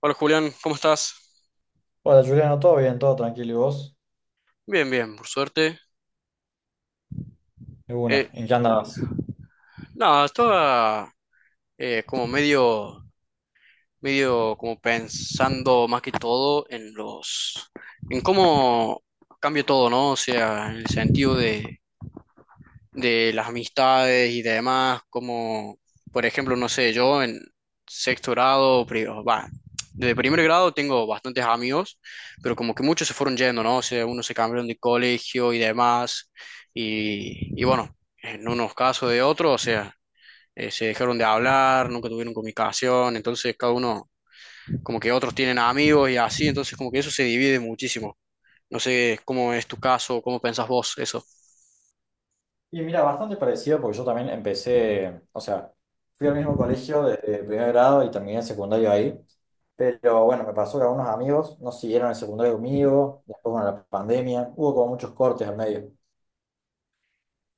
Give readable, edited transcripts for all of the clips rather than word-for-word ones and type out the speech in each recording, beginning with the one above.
Hola Julián, ¿cómo estás? Hola Juliano, todo bien, todo tranquilo. ¿Y vos? Bien, bien, por suerte. De Eh, una, ¿en qué andabas? no, estaba como medio, medio como pensando más que todo en en cómo cambia todo, ¿no? O sea, en el sentido de las amistades y demás, como por ejemplo, no sé, yo en sexto grado, desde primer grado tengo bastantes amigos, pero como que muchos se fueron yendo, ¿no? O sea, unos se cambiaron de colegio y demás, y bueno, en unos casos de otros, o sea, se dejaron de hablar, nunca tuvieron comunicación, entonces cada uno, como que otros tienen amigos y así, entonces como que eso se divide muchísimo. No sé cómo es tu caso, cómo pensás vos eso. Y mira, bastante parecido porque yo también empecé, o sea, fui al mismo colegio desde primer grado y terminé el secundario ahí. Pero bueno, me pasó que algunos amigos no siguieron el secundario conmigo, después bueno, la pandemia, hubo como muchos cortes al medio.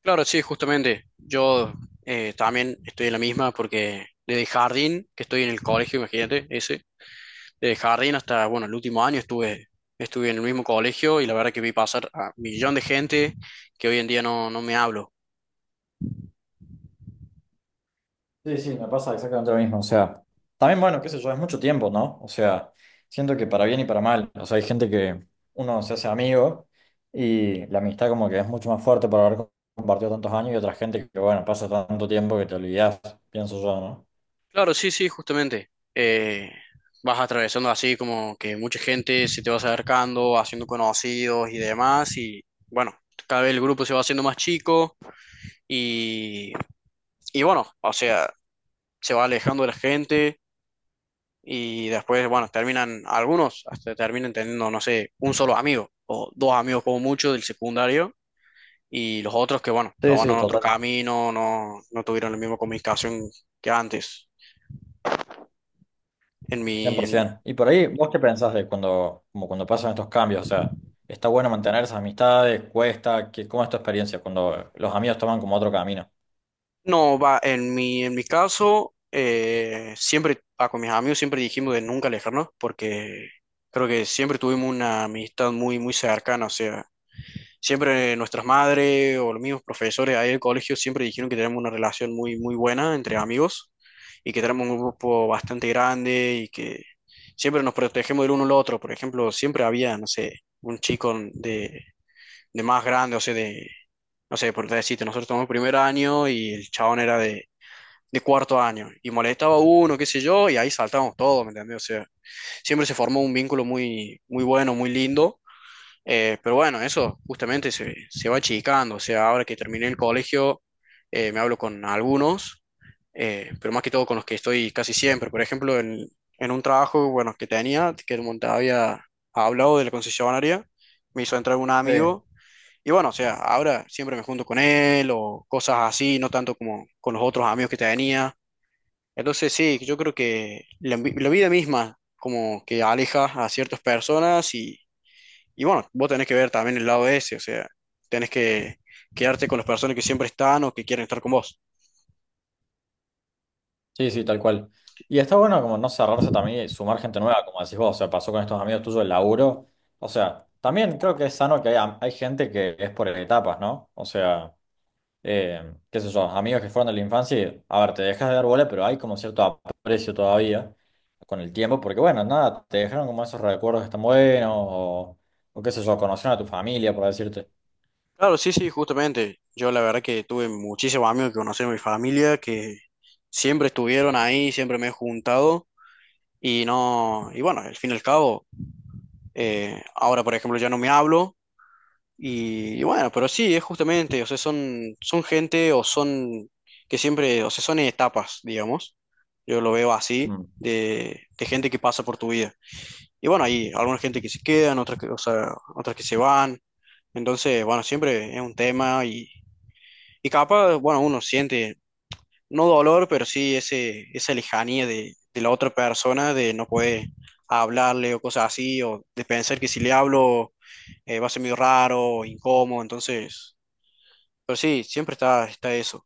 Claro, sí, justamente. Yo también estoy en la misma porque desde jardín, que estoy en el colegio, imagínate, desde jardín hasta, bueno, el último año estuve en el mismo colegio y la verdad que vi pasar a un millón de gente que hoy en día no me hablo. Sí, sí, me pasa exactamente lo mismo. O sea, también, bueno, qué sé yo, es mucho tiempo, ¿no? O sea, siento que para bien y para mal. O sea, hay gente que uno se hace amigo y la amistad como que es mucho más fuerte por haber compartido tantos años y otra gente que, bueno, pasa tanto tiempo que te olvidás, pienso yo, ¿no? Claro, sí, sí, justamente. Vas atravesando así como que mucha gente se te va acercando, haciendo conocidos y demás y bueno, cada vez el grupo se va haciendo más chico y... Y bueno, o sea, se va alejando de la gente y después, bueno, terminan, algunos hasta terminan teniendo, no sé, un solo amigo o dos amigos como mucho del secundario y los otros que, bueno, Sí, sí, tomaron otro total, camino, no tuvieron la misma comunicación que antes. En mi, 100%. Y por ahí, ¿vos qué pensás de cuando, como cuando pasan estos cambios? O sea, ¿está bueno mantener esas amistades? ¿Cuesta? ¿Qué, cómo es tu experiencia cuando los amigos toman como otro camino? no, va, en mi caso, siempre, con mis amigos siempre dijimos de nunca alejarnos porque creo que siempre tuvimos una amistad muy, muy cercana, o sea. Siempre nuestras madres o los mismos profesores ahí del colegio siempre dijeron que tenemos una relación muy, muy buena entre amigos y que tenemos un grupo bastante grande y que siempre nos protegemos del uno al otro. Por ejemplo, siempre había, no sé, un chico de más grande, o sea, de, no sé, por decirte, nosotros tomamos primer año y el chabón era de cuarto año y molestaba a uno, qué sé yo, y ahí saltábamos todos, ¿me entendés? O sea, siempre se formó un vínculo muy, muy bueno, muy lindo, pero bueno, eso justamente se va achicando. O sea, ahora que terminé el colegio, me hablo con algunos, pero más que todo con los que estoy casi siempre. Por ejemplo, en un trabajo, bueno, que tenía, que te había hablado de la concesionaria, me hizo entrar un Sí. amigo. Y bueno, o sea, ahora siempre me junto con él o cosas así, no tanto como con los otros amigos que tenía. Entonces sí, yo creo que la vida misma como que aleja a ciertas personas y bueno, vos tenés que ver también el lado ese, o sea, tenés que quedarte con las personas que siempre están o que quieren estar con vos. Sí, sí, tal cual. Y está bueno como no cerrarse también y sumar gente nueva, como decís vos, o sea, pasó con estos amigos tuyos el laburo. O sea, también creo que es sano que haya, hay gente que es por etapas, ¿no? O sea, qué sé yo, amigos que fueron de la infancia y, a ver, te dejas de dar bola, pero hay como cierto aprecio todavía con el tiempo, porque bueno, nada, te dejaron como esos recuerdos que están buenos, o qué sé yo, conocieron a tu familia, por decirte. Claro, sí, sí, justamente. Yo la verdad que tuve muchísimos amigos que conocí en mi familia, que siempre estuvieron ahí, siempre me he juntado y no, y bueno, al fin y al cabo, ahora por ejemplo ya no me hablo y bueno, pero sí, es justamente, o sea, son gente o son que siempre, o sea, son etapas, digamos. Yo lo veo así, Mm. de gente que pasa por tu vida. Y bueno, hay alguna gente que se quedan, otras que, o sea, otras que se van. Entonces, bueno, siempre es un tema y capaz, bueno, uno siente, no dolor, pero sí esa lejanía de la otra persona, de no poder hablarle o cosas así, o de pensar que si le hablo va a ser medio raro, incómodo, entonces, pero sí, siempre está eso.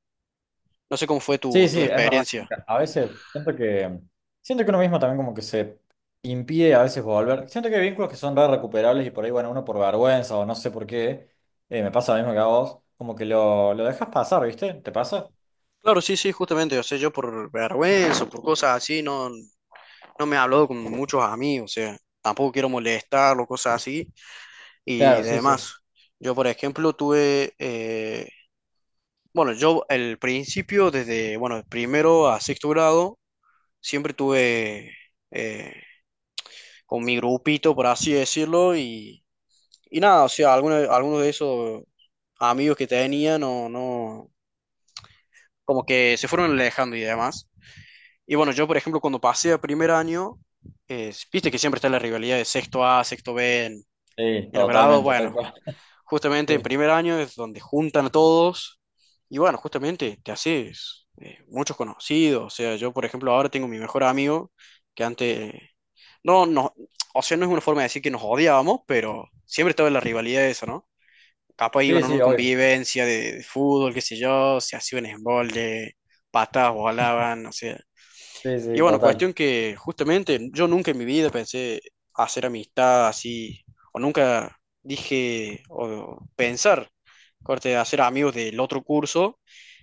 No sé cómo fue Sí, tu sí, es verdad. Como experiencia. que a veces siento que uno mismo también como que se impide a veces volver. Siento que hay vínculos que son re recuperables y por ahí, bueno, uno por vergüenza o no sé por qué, me pasa lo mismo que a vos, como que lo dejas pasar, ¿viste? ¿Te pasa? Claro, sí, sí, justamente, o sea, yo por vergüenza, por cosas así, no me he hablado con muchos amigos, o sea, tampoco quiero molestar o cosas así y Claro, sí, sí. demás. Yo, por ejemplo, tuve, bueno, yo el principio, desde, bueno, de primero a sexto grado, siempre tuve eh, con mi grupito, por así decirlo, y nada, o sea, algunos de esos amigos que tenía, no, no, como que se fueron alejando y demás. Y bueno, yo, por ejemplo, cuando pasé a primer año, viste que siempre está la rivalidad de sexto A, sexto B. En Sí, los grados, totalmente, tal bueno, cual. justamente en Sí, primer año es donde juntan a todos y bueno, justamente te haces muchos conocidos. O sea, yo por ejemplo ahora tengo mi mejor amigo que antes, no, no, o sea, no es una forma de decir que nos odiábamos, pero siempre estaba la rivalidad de eso, ¿no? Capaz sí, iban a sí, una obvio. convivencia de fútbol, qué sé yo, se hacían un embolde, patas volaban, no sé Sí, y sí, bueno, total. cuestión que justamente yo nunca en mi vida pensé hacer amistad así, o nunca dije, o pensar, corte, hacer amigos del otro curso,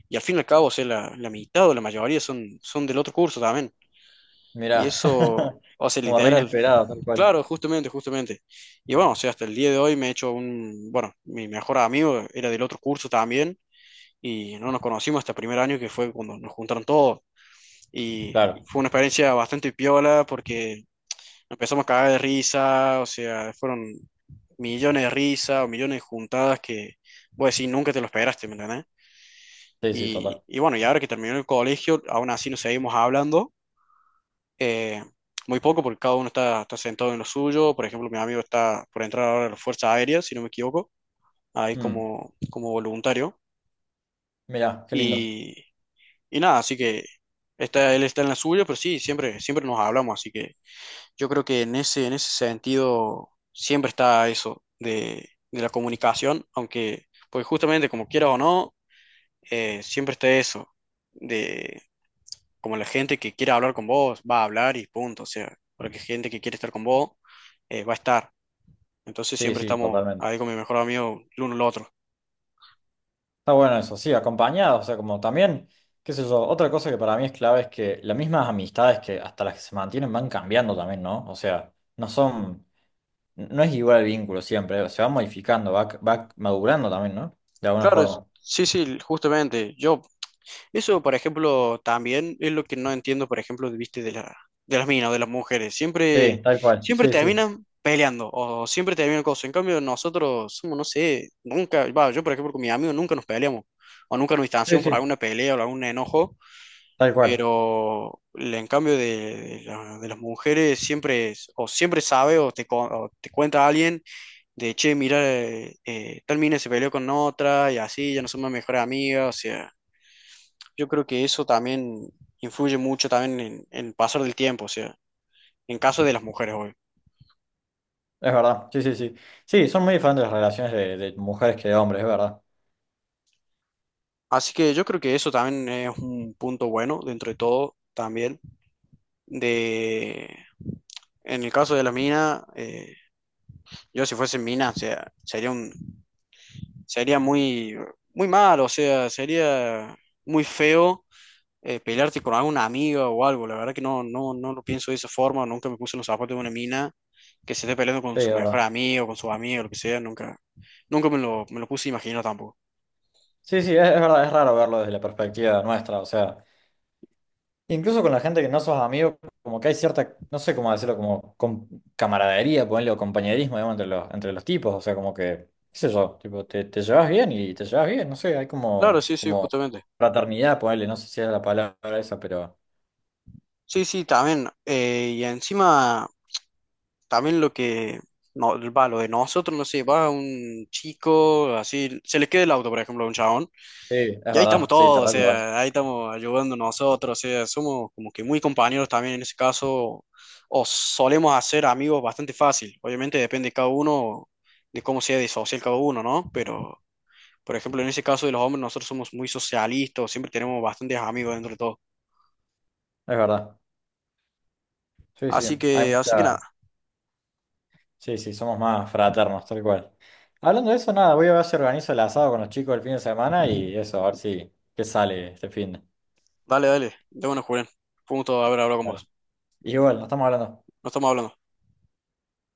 y al fin y al cabo, o sea, la mitad o la mayoría son del otro curso también. Y Mirá, eso, o sea, como re literal, inesperado, tal cual. claro, justamente, justamente. Y bueno, o sea, hasta el día de hoy me he hecho un, bueno, mi mejor amigo era del otro curso también, y no nos conocimos hasta el primer año que fue cuando nos juntaron todos y Claro, fue una experiencia bastante piola porque empezamos a cagar de risa, o sea, fueron millones de risas o millones de juntadas que, vos decís, nunca te lo esperaste, ¿me entendés? sí, sí, Y, total. y bueno, y ahora que terminó el colegio, aún así nos seguimos hablando, eh, muy poco porque cada uno está sentado en lo suyo, por ejemplo, mi amigo está por entrar ahora a las Fuerzas Aéreas, si no me equivoco, ahí Mm, como voluntario, mirá, qué lindo. y, y nada, así que está, él está en la suya, pero sí, siempre, siempre nos hablamos, así que... Yo creo que en ese sentido siempre está eso de la comunicación, aunque, pues justamente como quiera o no, siempre está eso de como la gente que quiera hablar con vos va a hablar y punto, o sea, porque gente que quiere estar con vos va a estar. Entonces Sí, siempre sí, estamos totalmente. ahí con mi mejor amigo el uno el otro. Está bueno eso, sí, acompañado, o sea, como también, qué sé yo, otra cosa que para mí es clave es que las mismas amistades que hasta las que se mantienen van cambiando también, ¿no? O sea, no son, no es igual el vínculo siempre, se va modificando, va, va madurando también, ¿no? De alguna Claro, forma. sí, sí, justamente. Yo Eso, por ejemplo, también es lo que no entiendo, por ejemplo, viste, de las minas o de las mujeres. Sí, Siempre, tal cual, siempre sí, sí, terminan peleando o siempre terminan cosas. En cambio, nosotros somos, no sé, nunca, va, yo, por ejemplo, con mis amigos nunca nos peleamos o nunca nos sí, distanciamos por sí, alguna pelea o algún enojo, tal cual, pero en cambio de las mujeres siempre, o siempre sabe o te cuenta alguien de, che, mira, tal mina se peleó con otra y así, ya no somos mejores amigas, o sea. Yo creo que eso también influye mucho también en el pasar del tiempo, o sea, en caso de las mujeres hoy. es verdad, sí, sí, sí. Sí, son muy diferentes las relaciones de mujeres que de hombres, Así que yo creo que eso también es un punto bueno dentro de todo también. De, en el caso de la mina, yo si fuese mina, o sea, sería un, sería muy, muy mal, o sea, sería muy feo, pelearte con alguna amiga o algo. La verdad que no, no, no lo pienso de esa forma. Nunca me puse en los zapatos de una mina que se esté peleando con su es mejor verdad. amigo, con su amigo, lo que sea. Nunca, nunca me lo puse a imaginar tampoco. Sí, sí, es verdad, es raro verlo desde la perspectiva nuestra, o sea. Incluso con la gente que no sos amigo, como que hay cierta, no sé cómo decirlo, como com- camaradería, ponerle o compañerismo, digamos, entre los tipos, o sea, como que, qué sé yo, tipo, te llevas bien y te llevas bien, no sé, hay Claro, como, sí, sí, como justamente. fraternidad, ponerle, no sé si es la palabra esa, pero Sí, sí, también. Y encima, también lo que no, va, lo de nosotros, no sé, va un chico, así, se le queda el auto, por ejemplo, a un chabón. sí, es Y ahí estamos verdad, sí, te todos, o reayudas, sea, ahí estamos ayudando nosotros, o sea, somos como que muy compañeros también en ese caso, o solemos hacer amigos bastante fácil. Obviamente depende de cada uno, de cómo sea de social cada uno, ¿no? Pero, por ejemplo, en ese caso de los hombres, nosotros somos muy socialistas, siempre tenemos bastantes amigos dentro de todo. es verdad, sí, sí, Así hay que, así que nada, mucha, sí, sí, somos más fraternos, tal cual. Hablando de eso, nada, voy a ver si organizo el asado con los chicos el fin de semana y eso, a ver si, qué sale este fin de. dale, dale, de bueno, Julián. Fue un gusto haber hablado con Dale. vos. Igual, nos estamos hablando. No estamos hablando.